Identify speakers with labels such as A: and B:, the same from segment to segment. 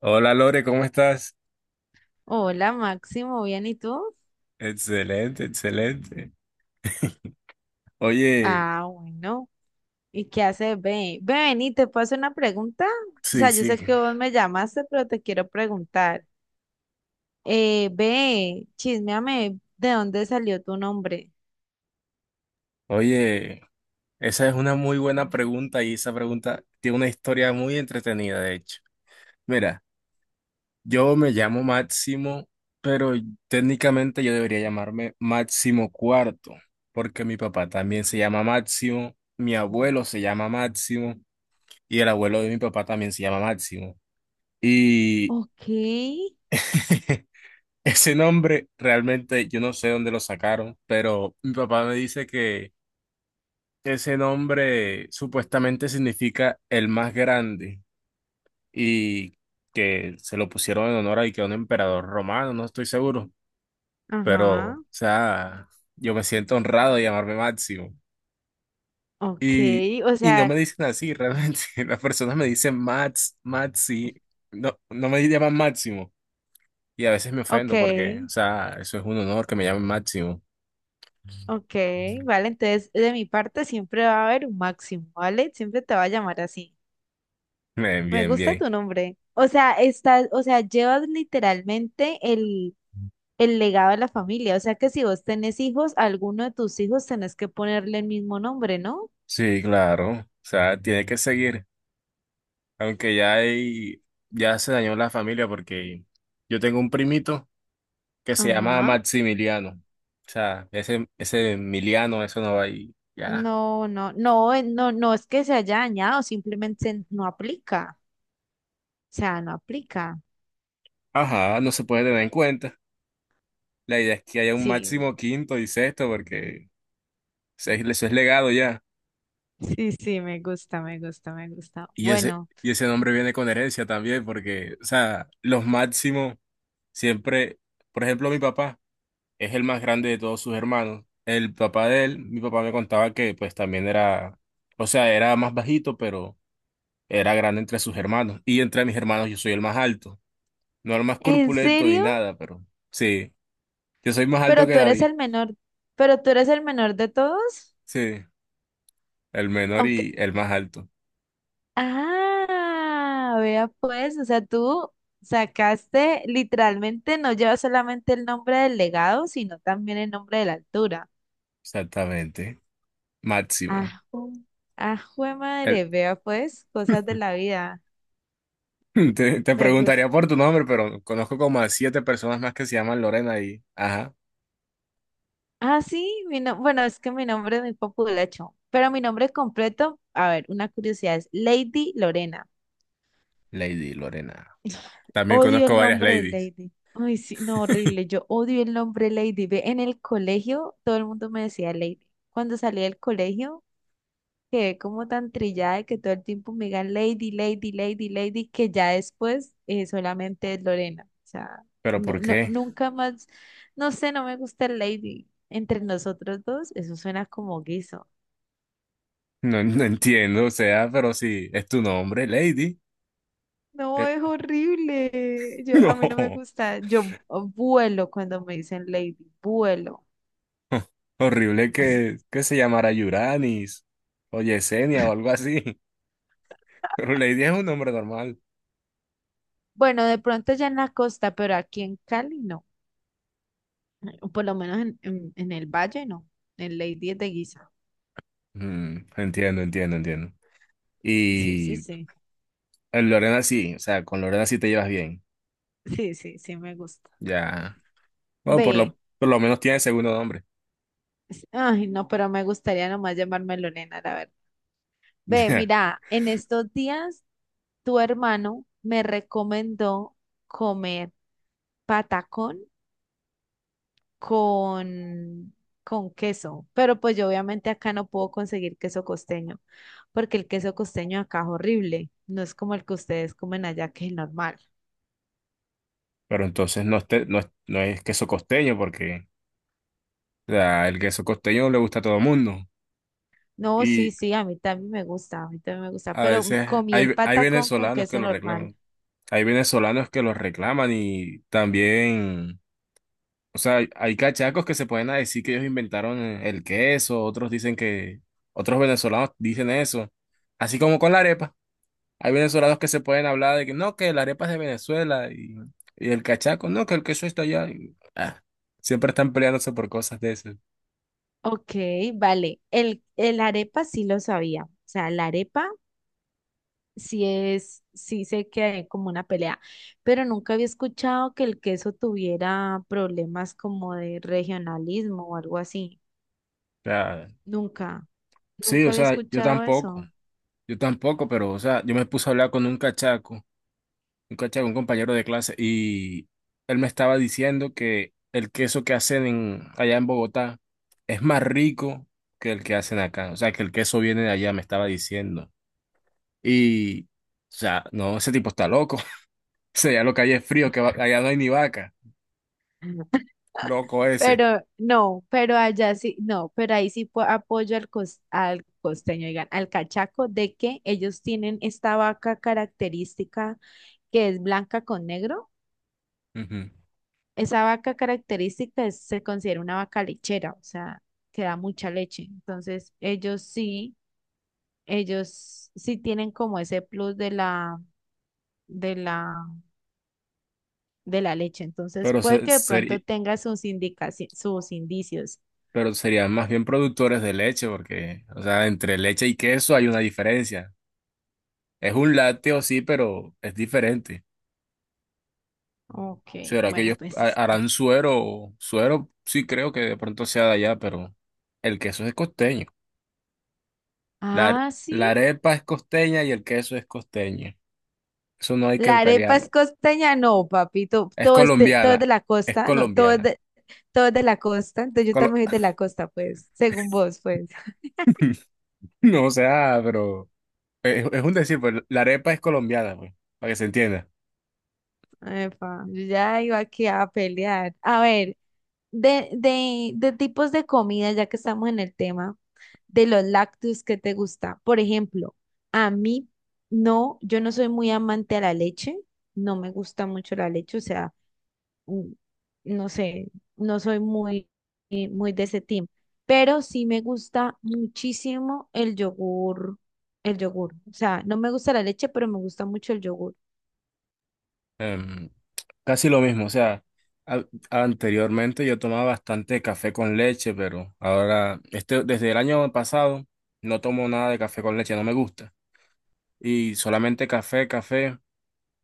A: Hola Lore, ¿cómo estás?
B: Hola Máximo, ¿bien y tú?
A: Excelente, excelente. Oye,
B: Ah, bueno. ¿Y qué haces, Ben? Ben, y te puedo hacer una pregunta. O
A: sí,
B: sea, yo
A: sí.
B: sé que vos me llamaste, pero te quiero preguntar. Ve, chisméame, ¿de dónde salió tu nombre?
A: Oye, esa es una muy buena pregunta y esa pregunta tiene una historia muy entretenida, de hecho. Mira, yo me llamo Máximo, pero técnicamente yo debería llamarme Máximo Cuarto, porque mi papá también se llama Máximo, mi abuelo se llama Máximo y el abuelo de mi papá también se llama Máximo. Y
B: Ok,
A: ese nombre realmente yo no sé dónde lo sacaron, pero mi papá me dice que ese nombre supuestamente significa el más grande y que se lo pusieron en honor a y que a un emperador romano, no estoy seguro, pero
B: ajá,
A: o sea, yo me siento honrado de llamarme Máximo.
B: ok,
A: Y,
B: o
A: y no me
B: sea,
A: dicen así, realmente las personas me dicen Max, Maxi, no, no me llaman Máximo y a veces me
B: ok,
A: ofendo porque, o sea, eso es un honor que me llamen Máximo.
B: ok, vale, entonces de mi parte siempre va a haber un Máximo, ¿vale? Siempre te va a llamar así.
A: Bien,
B: Me
A: bien,
B: gusta
A: bien.
B: tu nombre. O sea, estás, o sea, llevas literalmente el legado de la familia. O sea que si vos tenés hijos, a alguno de tus hijos tenés que ponerle el mismo nombre, ¿no?
A: Sí, claro. O sea, tiene que seguir. Aunque ya hay, ya se dañó la familia porque yo tengo un primito que se llama
B: Ajá.
A: Maximiliano. O sea, ese Emiliano, eso no va ahí. Ya.
B: No, no, no, no, no es que se haya dañado, simplemente no aplica. O sea, no aplica.
A: Ajá, no se puede tener en cuenta. La idea es que haya un
B: Sí,
A: máximo
B: no.
A: quinto y sexto porque eso es legado ya.
B: Sí, sí, me gusta, me gusta, me gusta. Bueno,
A: Y ese nombre viene con herencia también porque, o sea, los máximos siempre, por ejemplo, mi papá. Es el más grande de todos sus hermanos. El papá de él, mi papá me contaba que pues también era, o sea, era más bajito, pero era grande entre sus hermanos. Y entre mis hermanos yo soy el más alto. No el más
B: ¿en
A: corpulento ni
B: serio?
A: nada, pero sí, yo soy más alto
B: Pero
A: que
B: tú eres
A: David.
B: el menor, pero tú eres el menor de todos.
A: Sí, el menor
B: Ok,
A: y el más alto.
B: ah, vea pues, o sea, tú sacaste literalmente, no lleva solamente el nombre del legado, sino también el nombre de la altura.
A: Exactamente.
B: Ah,
A: Máximo.
B: ju- ah, jue
A: El-
B: madre, vea pues, cosas de la vida.
A: te
B: Me gusta.
A: preguntaría por tu nombre, pero conozco como a siete personas más que se llaman Lorena y... Ajá,
B: Ah, sí, mi no- bueno, es que mi nombre es muy populacho, pero mi nombre completo, a ver, una curiosidad, es Lady Lorena.
A: Lady Lorena. También
B: Odio
A: conozco
B: el
A: varias
B: nombre de
A: ladies.
B: Lady. Ay, sí, no, horrible. Yo odio el nombre Lady. Ve, en el colegio todo el mundo me decía Lady. Cuando salí del colegio quedé como tan trillada de que todo el tiempo me digan Lady, Lady, Lady, Lady, que ya después solamente es Lorena. O sea,
A: ¿Pero
B: no,
A: por
B: no,
A: qué?
B: nunca más, no sé, no me gusta el Lady. Entre nosotros dos, eso suena como guiso.
A: No, no entiendo, o sea, pero si es tu nombre, Lady.
B: No,
A: eh,
B: es horrible. Yo, a mí no me
A: no,
B: gusta. Yo oh, vuelo cuando me dicen Lady, vuelo.
A: horrible
B: Así.
A: que se llamara Yuranis o Yesenia o algo así. Pero Lady es un nombre normal.
B: Bueno, de pronto ya en la costa, pero aquí en Cali no. O por lo menos en el valle no. En Lady es de guisa.
A: Mm, entiendo, entiendo, entiendo.
B: Sí, sí,
A: Y
B: sí.
A: Lorena sí, o sea, con Lorena sí te llevas bien.
B: Sí, sí, sí, me gusta.
A: Ya. Bueno,
B: Ve,
A: por lo menos tiene segundo nombre.
B: ay, no, pero me gustaría nomás llamarme Lorena, la verdad. Ve,
A: Ya.
B: mira, en estos días tu hermano me recomendó comer patacón con, con queso, pero pues yo obviamente acá no puedo conseguir queso costeño, porque el queso costeño acá es horrible, no es como el que ustedes comen allá, que es normal.
A: Pero entonces no, no, no es queso costeño porque o sea, el queso costeño le gusta a todo el mundo.
B: No, sí, sí, a mí también me gusta, a mí también me gusta,
A: A
B: pero
A: veces
B: comí el
A: hay
B: patacón con
A: venezolanos que
B: queso
A: lo
B: normal.
A: reclaman. Hay venezolanos que lo reclaman y también, o sea, hay cachacos que se pueden decir que ellos inventaron el queso, otros dicen que, otros venezolanos dicen eso. Así como con la arepa. Hay venezolanos que se pueden hablar de que no, que la arepa es de Venezuela y el cachaco, no, que el queso está allá. Y, ah, siempre están peleándose por cosas de esas. O
B: Ok, vale. El arepa sí lo sabía. O sea, la arepa sí es, sí sé que hay como una pelea, pero nunca había escuchado que el queso tuviera problemas como de regionalismo o algo así.
A: sea,
B: Nunca,
A: sí,
B: nunca
A: o
B: había
A: sea,
B: escuchado eso.
A: yo tampoco, pero, o sea, yo me puse a hablar con un cachaco. Un un compañero de clase, y él me estaba diciendo que el queso que hacen allá en Bogotá es más rico que el que hacen acá. O sea, que el queso viene de allá, me estaba diciendo. Y, o sea, no, ese tipo está loco. O sea, ya lo que hay es frío, que allá no hay ni vaca. Loco ese.
B: Pero no, pero allá sí, no, pero ahí sí apoyo al costeño, digan, al cachaco, de que ellos tienen esta vaca característica que es blanca con negro.
A: Ujú.
B: Esa vaca característica es- se considera una vaca lechera, o sea, que da mucha leche. Entonces, ellos sí tienen como ese plus de la, de la de la leche. Entonces,
A: Pero,
B: puede que de pronto tenga sus sus indicios.
A: pero serían más bien productores de leche, porque, o sea, entre leche y queso hay una diferencia. Es un lácteo, sí, pero es diferente.
B: Ok,
A: ¿Será que
B: bueno,
A: ellos
B: pues está.
A: harán suero? Suero sí creo que de pronto sea de allá, pero el queso es costeño. La, are-
B: Ah, sí.
A: la arepa es costeña y el queso es costeño. Eso no hay que
B: La arepa es
A: pelearlo.
B: costeña, no, papito.
A: Es
B: Todo es de, todo es
A: colombiana,
B: de la
A: es
B: costa, no, todo es
A: colombiana.
B: de, todo es de la costa. Entonces yo
A: Colo-
B: también soy de la costa, pues, según vos, pues.
A: no, o sea, pero es un decir, pues la arepa es colombiana, pues, para que se entienda.
B: Epa. Yo ya iba aquí a pelear. A ver, de tipos de comida, ya que estamos en el tema, de los lácteos que te gusta. Por ejemplo, a mí no, yo no soy muy amante a la leche, no me gusta mucho la leche, o sea, mm, no sé, no soy muy, muy de ese team, pero sí me gusta muchísimo el yogur, el yogur. O sea, no me gusta la leche, pero me gusta mucho el yogur.
A: Em, casi lo mismo, o sea, a- anteriormente yo tomaba bastante café con leche, pero ahora, este, desde el año pasado, no tomo nada de café con leche, no me gusta. Y solamente café, café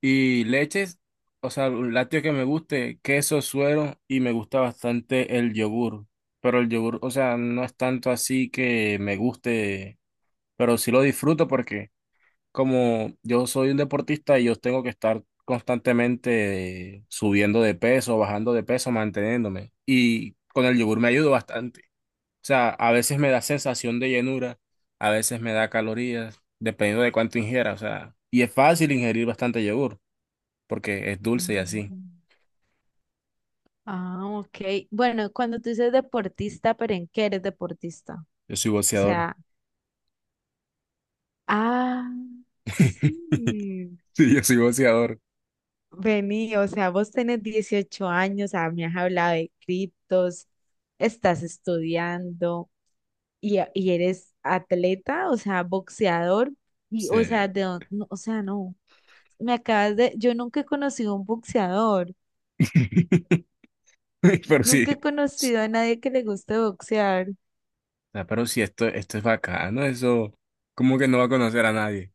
A: y leches, o sea, un lácteo que me guste, queso, suero y me gusta bastante el yogur. Pero el yogur, o sea, no es tanto así que me guste, pero sí lo disfruto porque como yo soy un deportista y yo tengo que estar constantemente subiendo de peso, bajando de peso, manteniéndome. Y con el yogur me ayudo bastante. O sea, a veces me da sensación de llenura, a veces me da calorías, dependiendo de cuánto ingiera. O sea, y es fácil ingerir bastante yogur, porque es dulce y así.
B: Mm. Ah, ok. Bueno, cuando tú dices deportista, ¿pero en qué eres deportista?
A: Yo soy
B: O
A: boxeador.
B: sea, ah, sí.
A: Sí, yo soy boxeador.
B: Vení, o sea, vos tenés 18 años, ah, me has hablado de criptos, estás estudiando y eres atleta, o sea, boxeador, y,
A: Sí.
B: o sea, no, o sea, no, me acabas de, yo nunca he conocido a un boxeador,
A: Pero sí.
B: nunca he
A: O
B: conocido a nadie que le guste boxear,
A: sea, pero sí, esto es bacano, eso como que no va a conocer a nadie.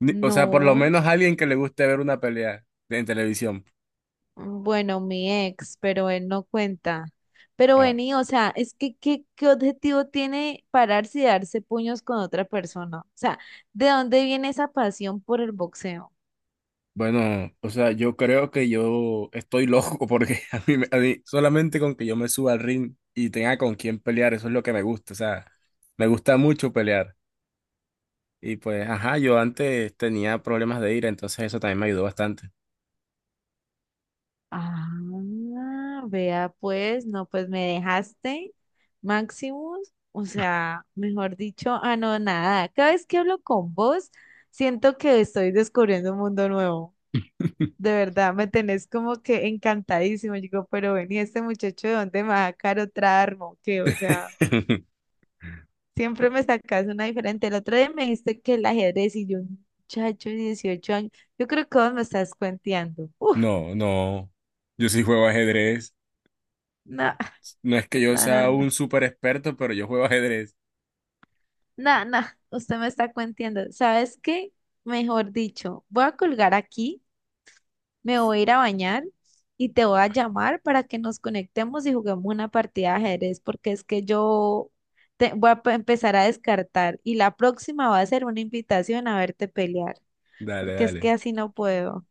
A: O sea, por lo
B: no.
A: menos alguien que le guste ver una pelea en televisión.
B: Bueno, mi ex, pero él no cuenta. Pero
A: Ah,
B: vení, o sea, es que ¿qué, qué objetivo tiene pararse y darse puños con otra persona? O sea, ¿de dónde viene esa pasión por el boxeo?
A: bueno, o sea, yo creo que yo estoy loco porque a mí, a mí solamente con que yo me suba al ring y tenga con quién pelear, eso es lo que me gusta. O sea, me gusta mucho pelear. Y pues, ajá, yo antes tenía problemas de ira, entonces eso también me ayudó bastante.
B: Ah, vea pues, no, pues me dejaste, Maximus, o sea, mejor dicho, ah, no, nada, cada vez que hablo con vos, siento que estoy descubriendo un mundo nuevo. De verdad, me tenés como que encantadísimo. Yo digo, pero ven, ¿y este muchacho de dónde me va a sacar otra arma o qué? O sea, siempre me sacas una diferente. El otro día me dijiste que el ajedrez y yo, muchacho, de 18 años, yo creo que vos me estás cuenteando. Uf,
A: No, no. Yo sí juego ajedrez.
B: no,
A: No es que yo
B: no, no,
A: sea
B: no,
A: un súper experto, pero yo juego ajedrez.
B: no, no, usted me está cuenteando. ¿Sabes qué? Mejor dicho, voy a colgar aquí me voy a ir a bañar y te voy a llamar para que nos conectemos y juguemos una partida de ajedrez, porque es que yo empezar a descartar y la próxima va a ser una invitación a verte pelear,
A: Dale,
B: porque es que
A: dale.
B: así no puedo.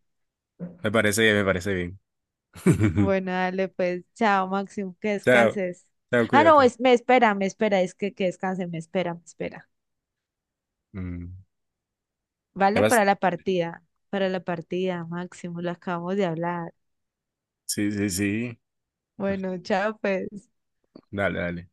A: Me parece bien, me parece bien.
B: Bueno, dale pues, chao Máximo, que
A: Chao,
B: descanses.
A: chao,
B: Ah, no,
A: cuídate.
B: me espera, es que descanse, me espera, me espera.
A: Mm, ¿qué
B: Vale,
A: más?
B: para la partida, Máximo, lo acabamos de hablar.
A: Sí, sí, sí.
B: Bueno, chao, pues.
A: Dale, dale.